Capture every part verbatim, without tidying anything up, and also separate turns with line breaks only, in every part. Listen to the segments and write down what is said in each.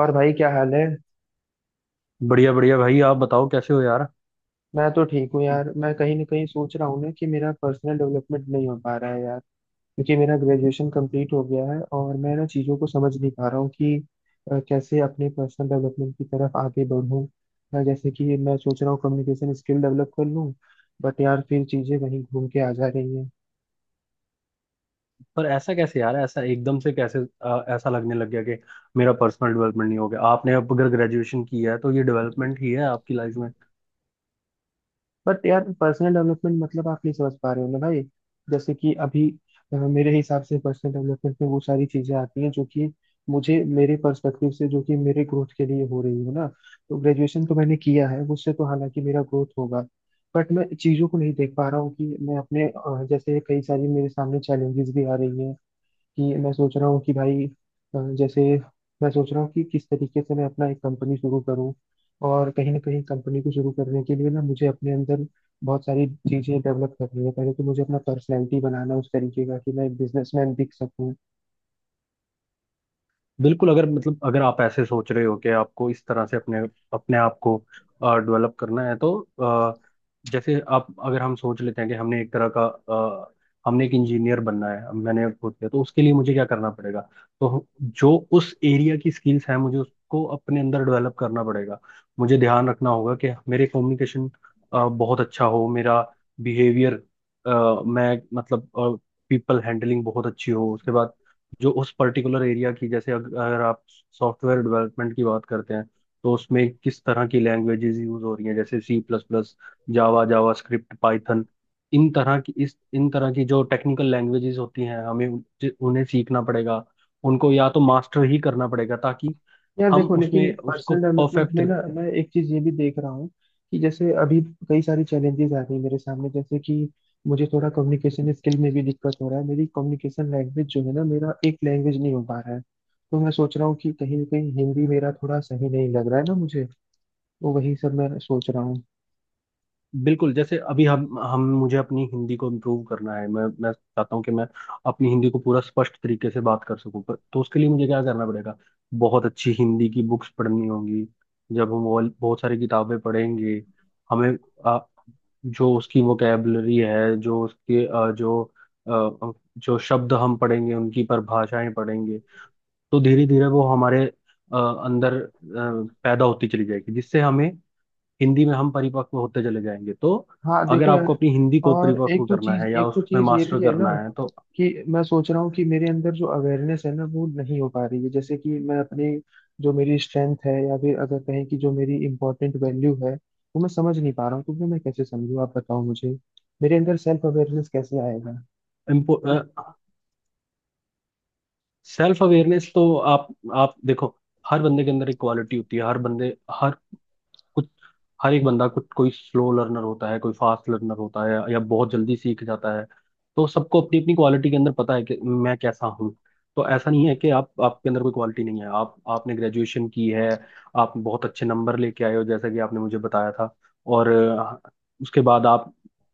और भाई क्या हाल है।
बढ़िया बढ़िया भाई, आप बताओ कैसे हो यार।
मैं तो ठीक हूँ यार। मैं कहीं ना कहीं सोच रहा हूँ ना कि मेरा पर्सनल डेवलपमेंट नहीं हो पा रहा है यार। क्योंकि मेरा ग्रेजुएशन कंप्लीट हो गया है और मैं ना चीज़ों को समझ नहीं पा रहा हूँ कि अ, कैसे अपने पर्सनल डेवलपमेंट की तरफ आगे बढ़ूँ। मैं जैसे कि मैं सोच रहा हूँ कम्युनिकेशन स्किल डेवलप कर लूँ। बट यार फिर चीज़ें वहीं घूम के आ जा रही हैं।
पर ऐसा कैसे यार? ऐसा एकदम से कैसे अ, ऐसा लगने लग गया कि मेरा पर्सनल डेवलपमेंट नहीं हो गया आपने? अब अगर ग्रेजुएशन किया है तो ये डेवलपमेंट ही है आपकी लाइफ।
बट यार पर्सनल डेवलपमेंट मतलब आप नहीं समझ पा रहे हो ना भाई। जैसे कि अभी अ, मेरे हिसाब से पर्सनल डेवलपमेंट में वो सारी चीजें आती हैं जो कि मुझे मेरे पर्सपेक्टिव से जो कि मेरे ग्रोथ के लिए हो रही है ना। तो ग्रेजुएशन तो मैंने किया है, उससे तो हालांकि मेरा ग्रोथ होगा, बट मैं चीजों को नहीं देख पा रहा हूँ कि मैं अपने अ, जैसे कई सारी मेरे सामने चैलेंजेस भी आ रही हैं। कि मैं सोच रहा हूँ कि भाई, अ, जैसे मैं सोच रहा हूँ कि किस तरीके से मैं अपना एक कंपनी शुरू करूँ। और कहीं ना कहीं कंपनी को शुरू करने के लिए ना मुझे अपने अंदर बहुत सारी चीजें डेवलप करनी है। पहले तो मुझे अपना पर्सनैलिटी बनाना है उस तरीके का कि मैं एक बिजनेसमैन दिख सकूँ।
बिल्कुल, अगर मतलब अगर आप ऐसे सोच रहे हो कि आपको इस तरह से अपने अपने आप को डेवलप करना है तो अ, जैसे आप, अगर हम सोच लेते हैं कि हमने एक तरह का अ, हमने एक इंजीनियर बनना है, अब मैंने खुद किया, तो उसके लिए मुझे क्या करना पड़ेगा? तो जो उस एरिया की स्किल्स हैं, मुझे उसको अपने अंदर डेवलप करना पड़ेगा। मुझे ध्यान रखना होगा कि मेरे कम्युनिकेशन बहुत अच्छा हो, मेरा बिहेवियर, मैं मतलब पीपल हैंडलिंग बहुत अच्छी हो। उसके बाद, जो उस पर्टिकुलर एरिया की, जैसे अग- अगर आप सॉफ्टवेयर डेवलपमेंट की बात करते हैं तो उसमें किस तरह की लैंग्वेजेस यूज हो रही हैं, जैसे C plus plus, Java, JavaScript, Python. इन तरह की इस इन तरह की जो टेक्निकल लैंग्वेजेस होती हैं हमें उन- जि- उन्हें सीखना पड़ेगा। उनको या तो मास्टर ही करना पड़ेगा ताकि
यार
हम
देखो, लेकिन
उसमें उसको
पर्सनल डेवलपमेंट
परफेक्ट।
में ना मैं एक चीज ये भी देख रहा हूँ कि जैसे अभी कई सारी चैलेंजेस आ रही है मेरे सामने। जैसे कि मुझे थोड़ा कम्युनिकेशन स्किल में भी दिक्कत हो रहा है। मेरी कम्युनिकेशन लैंग्वेज जो है ना, मेरा एक लैंग्वेज नहीं हो पा रहा है। तो मैं सोच रहा हूँ कि कहीं ना कहीं हिंदी मेरा थोड़ा सही नहीं लग रहा है ना मुझे। तो वही सब मैं सोच रहा हूँ।
बिल्कुल, जैसे अभी हम हम मुझे अपनी हिंदी को इम्प्रूव करना है। मैं मैं चाहता हूँ कि मैं अपनी हिंदी को पूरा स्पष्ट तरीके से बात कर सकूँ, पर तो उसके लिए मुझे क्या करना पड़ेगा? बहुत अच्छी हिंदी की बुक्स पढ़नी होंगी। जब हम वो बहुत सारी किताबें पढ़ेंगे, हमें आ, जो उसकी वोकेबलरी है, जो उसके आ, जो आ, जो शब्द हम पढ़ेंगे, उनकी परिभाषाएं पढ़ेंगे, तो धीरे धीरे वो हमारे आ, अंदर आ, पैदा होती चली जाएगी, जिससे हमें हिंदी में हम परिपक्व होते चले जाएंगे। तो
हाँ
अगर
देखो यार,
आपको अपनी हिंदी को
और एक
परिपक्व
तो
करना
चीज
है या
एक तो
उसमें
चीज ये
मास्टर
भी है ना
करना है तो।
कि मैं सोच रहा हूँ कि मेरे अंदर जो अवेयरनेस है ना वो नहीं हो पा रही है। जैसे कि मैं अपने जो मेरी स्ट्रेंथ है, या फिर अगर कहें कि जो मेरी इंपॉर्टेंट वैल्यू है, वो मैं समझ नहीं पा रहा हूँ। तो वो मैं कैसे समझूँ, आप बताओ मुझे। मेरे अंदर सेल्फ अवेयरनेस कैसे आएगा?
सेल्फ अवेयरनेस तो, आप आप देखो, हर बंदे के अंदर एक क्वालिटी होती है। हर बंदे हर कुछ हर एक बंदा कुछ, कोई स्लो लर्नर होता है, कोई फास्ट लर्नर होता है, या बहुत जल्दी सीख जाता है। तो सबको अपनी अपनी क्वालिटी के अंदर पता है कि मैं कैसा हूँ। तो ऐसा नहीं है कि आप आपके अंदर कोई क्वालिटी नहीं है। आप आपने ग्रेजुएशन की है, आप बहुत अच्छे नंबर लेके आए हो, जैसा कि आपने मुझे बताया था। और अ, उसके बाद आप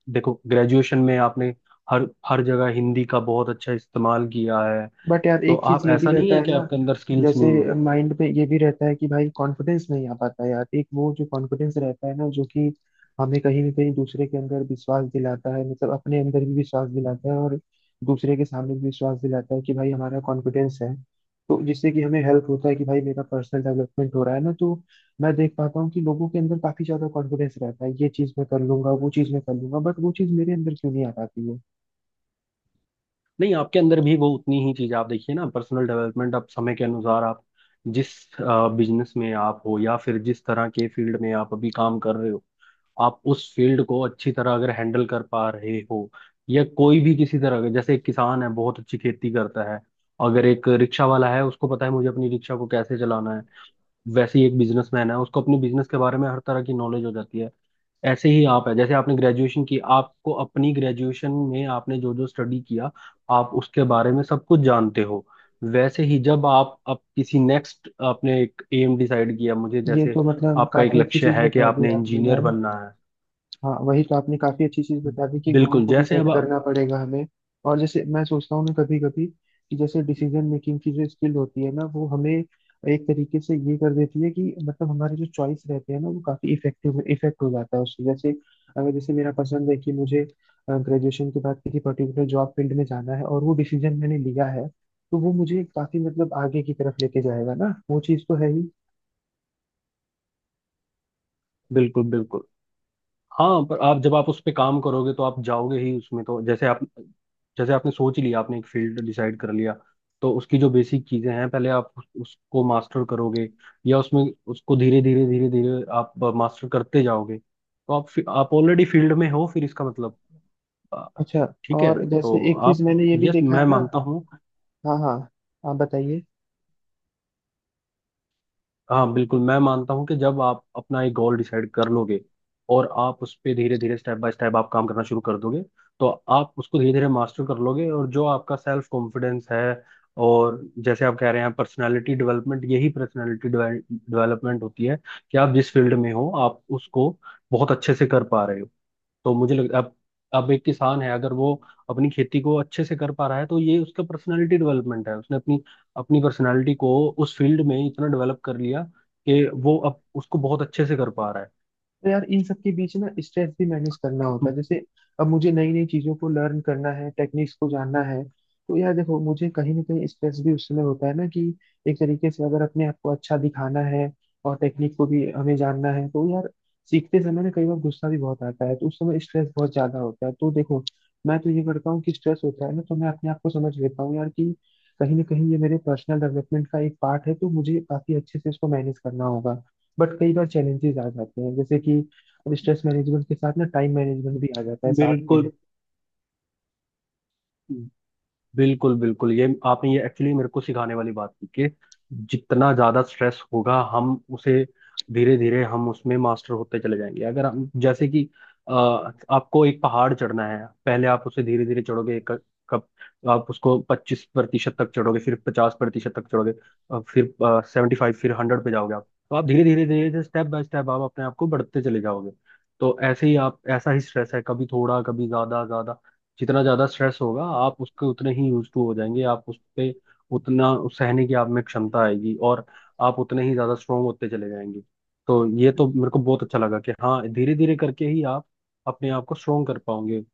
देखो, ग्रेजुएशन में आपने हर हर जगह हिंदी का बहुत अच्छा इस्तेमाल किया है।
बट यार
तो
एक चीज
आप,
ये भी
ऐसा नहीं
रहता
है
है
कि
ना,
आपके अंदर स्किल्स
जैसे
नहीं है।
माइंड पे ये भी रहता है कि भाई कॉन्फिडेंस नहीं आ पाता यार। एक वो जो कॉन्फिडेंस रहता है ना जो कि हमें कहीं ना कहीं दूसरे के अंदर विश्वास दिलाता है, मतलब अपने अंदर भी विश्वास दिलाता है और दूसरे के सामने भी विश्वास दिलाता है कि भाई हमारा कॉन्फिडेंस है। तो जिससे कि हमें हेल्प होता है कि भाई मेरा पर्सनल डेवलपमेंट हो रहा है ना। तो मैं देख पाता हूँ कि लोगों के अंदर काफी ज्यादा कॉन्फिडेंस रहता है, ये चीज मैं कर लूंगा, वो चीज मैं कर लूंगा, बट वो चीज मेरे अंदर क्यों नहीं आ पाती है?
नहीं, आपके अंदर भी वो उतनी ही चीज। आप देखिए ना, पर्सनल डेवलपमेंट आप समय के अनुसार, आप जिस बिजनेस में आप हो या फिर जिस तरह के फील्ड में आप अभी काम कर रहे हो, आप उस फील्ड को अच्छी तरह अगर हैंडल कर पा रहे हो, या कोई भी किसी तरह का, जैसे एक किसान है बहुत अच्छी खेती करता है, अगर एक रिक्शा वाला है उसको पता है मुझे अपनी रिक्शा को कैसे चलाना है, वैसे ही एक बिजनेसमैन है, उसको अपने बिजनेस के बारे में हर तरह की नॉलेज हो जाती है। ऐसे ही आप है, जैसे आपने ग्रेजुएशन की, आपको अपनी ग्रेजुएशन में आपने जो जो स्टडी किया आप उसके बारे में सब कुछ जानते हो। वैसे ही जब आप अब किसी नेक्स्ट, आपने एक एम डिसाइड किया, मुझे
ये
जैसे
तो मतलब
आपका एक
काफी अच्छी
लक्ष्य
चीज
है कि
बता दी
आपने
आपने
इंजीनियर
यार।
बनना है।
हाँ वही तो, आपने काफी अच्छी चीज बता दी कि गोल
बिल्कुल,
को भी
जैसे
सेट
अब आप-।
करना पड़ेगा हमें। और जैसे मैं सोचता हूँ ना कभी कभी कि जैसे डिसीजन मेकिंग की जो स्किल होती है ना वो हमें एक तरीके से ये कर देती है कि मतलब हमारे जो चॉइस रहते हैं ना वो काफी इफेक्टिव इफेक्ट हो जाता है उससे। जैसे अगर जैसे मेरा पसंद है कि मुझे ग्रेजुएशन के बाद किसी पर्टिकुलर जॉब फील्ड में जाना है और वो डिसीजन मैंने लिया है, तो वो मुझे काफी मतलब आगे की तरफ लेके जाएगा ना, वो चीज तो है ही।
बिल्कुल बिल्कुल। हाँ, पर आप, जब आप उस पे काम करोगे तो आप जाओगे ही उसमें। तो जैसे आप, जैसे आपने सोच ही लिया, आपने एक फील्ड डिसाइड कर लिया, तो उसकी जो बेसिक चीजें हैं पहले आप उस, उसको मास्टर करोगे, या उसमें उसको धीरे धीरे धीरे धीरे आप मास्टर करते जाओगे, तो आप फि- आप ऑलरेडी फील्ड में हो, फिर इसका मतलब आ,
अच्छा।
ठीक है।
और जैसे
तो
एक चीज
आप,
मैंने ये भी
यस,
देखा
मैं
है ना।
मानता हूँ।
हाँ हाँ, आप बताइए।
हाँ बिल्कुल, मैं मानता हूँ कि जब आप अपना एक गोल डिसाइड कर लोगे, और आप उस पर धीरे धीरे स्टेप बाय स्टेप आप काम करना शुरू कर दोगे, तो आप उसको धीरे धीरे मास्टर कर लोगे, और जो आपका सेल्फ कॉन्फिडेंस है, और जैसे आप कह रहे हैं पर्सनालिटी डेवलपमेंट, यही पर्सनालिटी डेवलपमेंट होती है कि आप जिस फील्ड में हो आप उसको बहुत अच्छे से कर पा रहे हो। तो मुझे लग, अब अब एक किसान है, अगर वो अपनी खेती को अच्छे से कर पा रहा है तो ये उसका पर्सनालिटी डेवलपमेंट है। उसने अपनी अपनी पर्सनालिटी को उस फील्ड में इतना डेवलप कर लिया कि वो अब उसको बहुत अच्छे से कर पा रहा है।
तो यार इन सब के बीच ना स्ट्रेस भी मैनेज करना होता है। जैसे अब मुझे नई नई चीजों को लर्न करना है, टेक्निक्स को जानना है। तो यार देखो, मुझे कहीं ना कहीं स्ट्रेस भी उस समय होता है ना कि एक तरीके से अगर अपने आप को अच्छा दिखाना है और टेक्निक को भी हमें जानना है, तो यार सीखते समय ना कई बार गुस्सा भी बहुत आता है, तो उस समय स्ट्रेस बहुत ज्यादा होता है। तो देखो, मैं तो ये करता हूँ कि स्ट्रेस होता है ना, तो मैं अपने आप को समझ लेता हूँ यार कि कहीं ना कहीं ये मेरे पर्सनल डेवलपमेंट का एक पार्ट है, तो मुझे काफी अच्छे से इसको मैनेज करना होगा। बट कई बार चैलेंजेस आ जाते हैं, जैसे कि अब स्ट्रेस मैनेजमेंट के साथ ना टाइम मैनेजमेंट भी आ जाता है साथ में।
बिल्कुल बिल्कुल बिल्कुल, ये आपने ये एक्चुअली मेरे को सिखाने वाली बात की कि जितना ज्यादा स्ट्रेस होगा, हम उसे धीरे धीरे हम उसमें मास्टर होते चले जाएंगे। अगर हम, जैसे कि अ, आपको एक पहाड़ चढ़ना है, पहले आप उसे धीरे धीरे चढ़ोगे, एक कप, आप उसको पच्चीस प्रतिशत तक चढ़ोगे, फिर पचास प्रतिशत तक चढ़ोगे, अ, फिर सेवेंटी फाइव, फिर हंड्रेड पे जाओगे। आप तो आप धीरे धीरे धीरे धीरे स्टेप बाय स्टेप आप अपने आप को बढ़ते चले जाओगे। तो ऐसे ही आप, ऐसा ही स्ट्रेस है, कभी थोड़ा, कभी ज्यादा ज्यादा। जितना ज्यादा स्ट्रेस होगा आप उसके उतने ही यूज टू हो जाएंगे, आप उस पे उतना, उस सहने की आप में क्षमता आएगी, और आप उतने ही ज्यादा स्ट्रोंग होते चले जाएंगे। तो ये तो मेरे को बहुत अच्छा लगा कि हाँ, धीरे धीरे करके ही आप अपने आप को स्ट्रोंग कर पाओगे।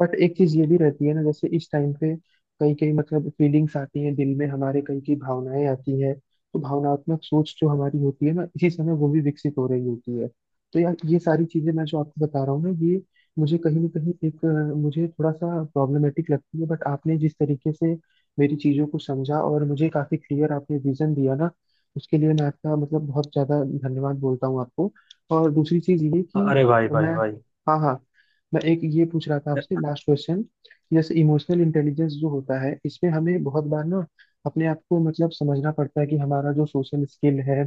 बट एक चीज ये भी रहती है ना, जैसे इस टाइम पे कई कई मतलब फीलिंग्स आती हैं दिल में हमारे, कई कई भावनाएं आती हैं। तो भावनात्मक सोच जो हमारी होती है ना, इसी समय वो भी विकसित हो रही होती है। तो यार ये सारी चीजें मैं जो आपको बता रहा हूँ ना, ये मुझे कहीं ना कहीं एक अ, मुझे थोड़ा सा प्रॉब्लमेटिक लगती है। बट आपने जिस तरीके से मेरी चीजों को समझा और मुझे काफी क्लियर आपने विजन दिया ना, उसके लिए मैं आपका मतलब बहुत ज्यादा धन्यवाद बोलता हूँ आपको। और दूसरी चीज ये कि
अरे भाई भाई
मैं,
भाई।
हाँ हाँ, मैं एक ये पूछ रहा था आपसे, लास्ट क्वेश्चन। जैसे इमोशनल इंटेलिजेंस जो होता है, इसमें हमें बहुत बार ना अपने आप को मतलब समझना पड़ता है कि हमारा जो सोशल स्किल है,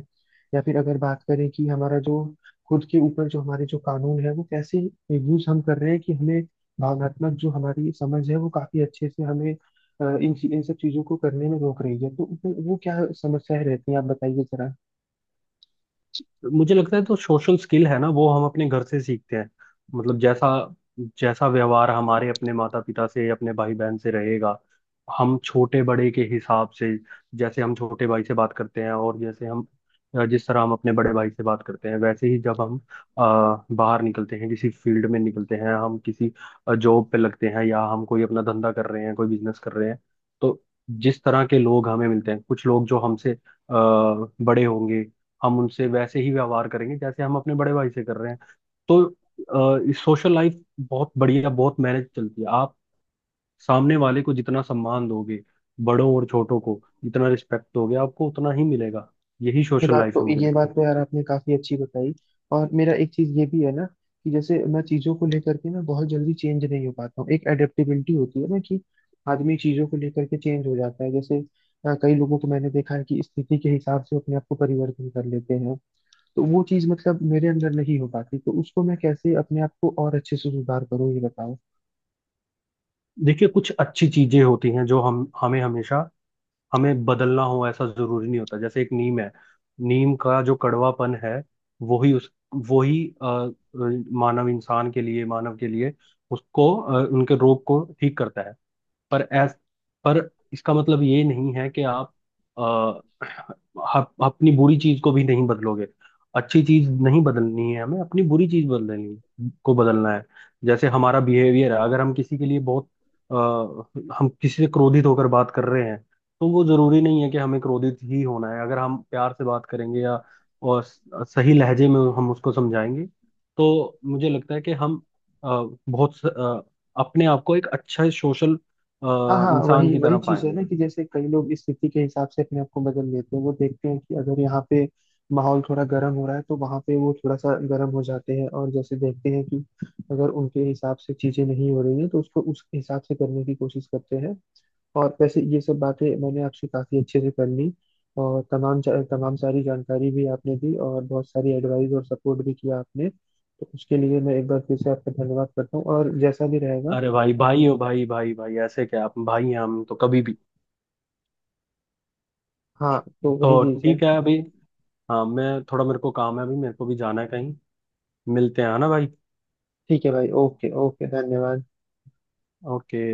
या फिर अगर बात करें कि हमारा जो खुद के ऊपर जो हमारे जो कानून है वो कैसे यूज हम कर रहे हैं, कि हमें भावनात्मक जो हमारी समझ है वो काफी अच्छे से हमें अ, इन इन सब चीजों को करने में रोक रही है, तो वो वो क्या समस्याएं रहती हैं, आप बताइए जरा।
मुझे लगता है, तो सोशल स्किल है ना, वो हम अपने घर से सीखते हैं। मतलब जैसा, जैसा व्यवहार हमारे अपने माता पिता से, अपने भाई बहन से रहेगा, हम छोटे बड़े के हिसाब से, जैसे हम छोटे भाई से बात करते हैं, और जैसे हम, जिस तरह हम अपने बड़े भाई से बात करते हैं, वैसे ही जब हम अ, बाहर निकलते हैं, किसी फील्ड में निकलते हैं, हम किसी जॉब पे लगते हैं, या हम कोई अपना धंधा कर रहे हैं, कोई बिजनेस कर रहे हैं, तो जिस तरह के लोग हमें मिलते हैं, कुछ लोग जो हमसे अ, बड़े होंगे, हम उनसे वैसे ही व्यवहार करेंगे जैसे हम अपने बड़े भाई से कर रहे हैं। तो सोशल लाइफ बहुत बढ़िया, बहुत मैनेज चलती है। आप सामने वाले को जितना सम्मान दोगे, बड़ों और छोटों को जितना रिस्पेक्ट दोगे, आपको उतना ही मिलेगा। यही
ये
सोशल
बात
लाइफ है,
तो
मुझे
ये
लगता
बात
है।
तो यार आपने काफी अच्छी बताई। और मेरा एक चीज ये भी है ना कि जैसे मैं चीजों को लेकर के ना बहुत जल्दी चेंज नहीं हो पाता हूँ। एक एडेप्टेबिलिटी होती है ना कि आदमी चीजों को लेकर के चेंज हो जाता है। जैसे अ, कई लोगों को मैंने देखा है कि स्थिति के हिसाब से अपने आप को परिवर्तन कर लेते हैं। तो वो चीज मतलब मेरे अंदर नहीं हो पाती, तो उसको मैं कैसे अपने आप को और अच्छे से सुधार करूँ, ये बताओ।
देखिए, कुछ अच्छी चीजें होती हैं जो हम, हमें हमेशा हमें बदलना हो ऐसा जरूरी नहीं होता। जैसे एक नीम है, नीम का जो कड़वापन है, वही उस, वही अ, अ, मानव, इंसान के लिए, मानव के लिए उसको, अ, उनके रोग को ठीक करता है। पर एस पर इसका मतलब ये नहीं है कि आप आ, अपनी बुरी चीज को भी नहीं बदलोगे। अच्छी चीज नहीं बदलनी है हमें, अपनी बुरी चीज, बदलनी को बदलना है। जैसे हमारा बिहेवियर है, अगर हम किसी के लिए बहुत आ, हम किसी से क्रोधित होकर बात कर रहे हैं, तो वो जरूरी नहीं है कि हमें क्रोधित ही होना है। अगर हम प्यार से बात करेंगे, या और स- सही लहजे में हम उसको समझाएंगे, तो मुझे लगता है कि हम अ, बहुत स- अ, अपने आप को एक अच्छा सोशल अ,
हाँ हाँ,
इंसान
वही
की
वही
तरह
चीज है
पाएंगे।
ना कि जैसे कई लोग इस स्थिति के हिसाब से अपने आप को बदल लेते हैं। वो देखते हैं कि अगर यहाँ पे माहौल थोड़ा गर्म हो रहा है तो वहाँ पे वो थोड़ा सा गर्म हो जाते हैं, और जैसे देखते हैं कि अगर उनके हिसाब से चीजें नहीं हो रही हैं तो उसको उस हिसाब से करने की कोशिश करते हैं। और वैसे ये सब बातें मैंने आपसे काफी अच्छे से कर ली, और तमाम जा- तमाम सारी जानकारी भी आपने दी और बहुत सारी एडवाइस और सपोर्ट भी किया आपने, तो उसके लिए मैं एक बार फिर से आपका धन्यवाद करता हूँ और जैसा भी रहेगा।
अरे भाई भाई हो, भाई भाई भाई, ऐसे क्या? आप भाई हैं, हम तो कभी भी।
हाँ, तो वही
तो
चीज है।
ठीक है अभी। हाँ, मैं थोड़ा, मेरे को काम है, अभी मेरे को भी जाना है कहीं। मिलते हैं, है ना भाई?
ठीक है भाई, ओके ओके, धन्यवाद।
ओके।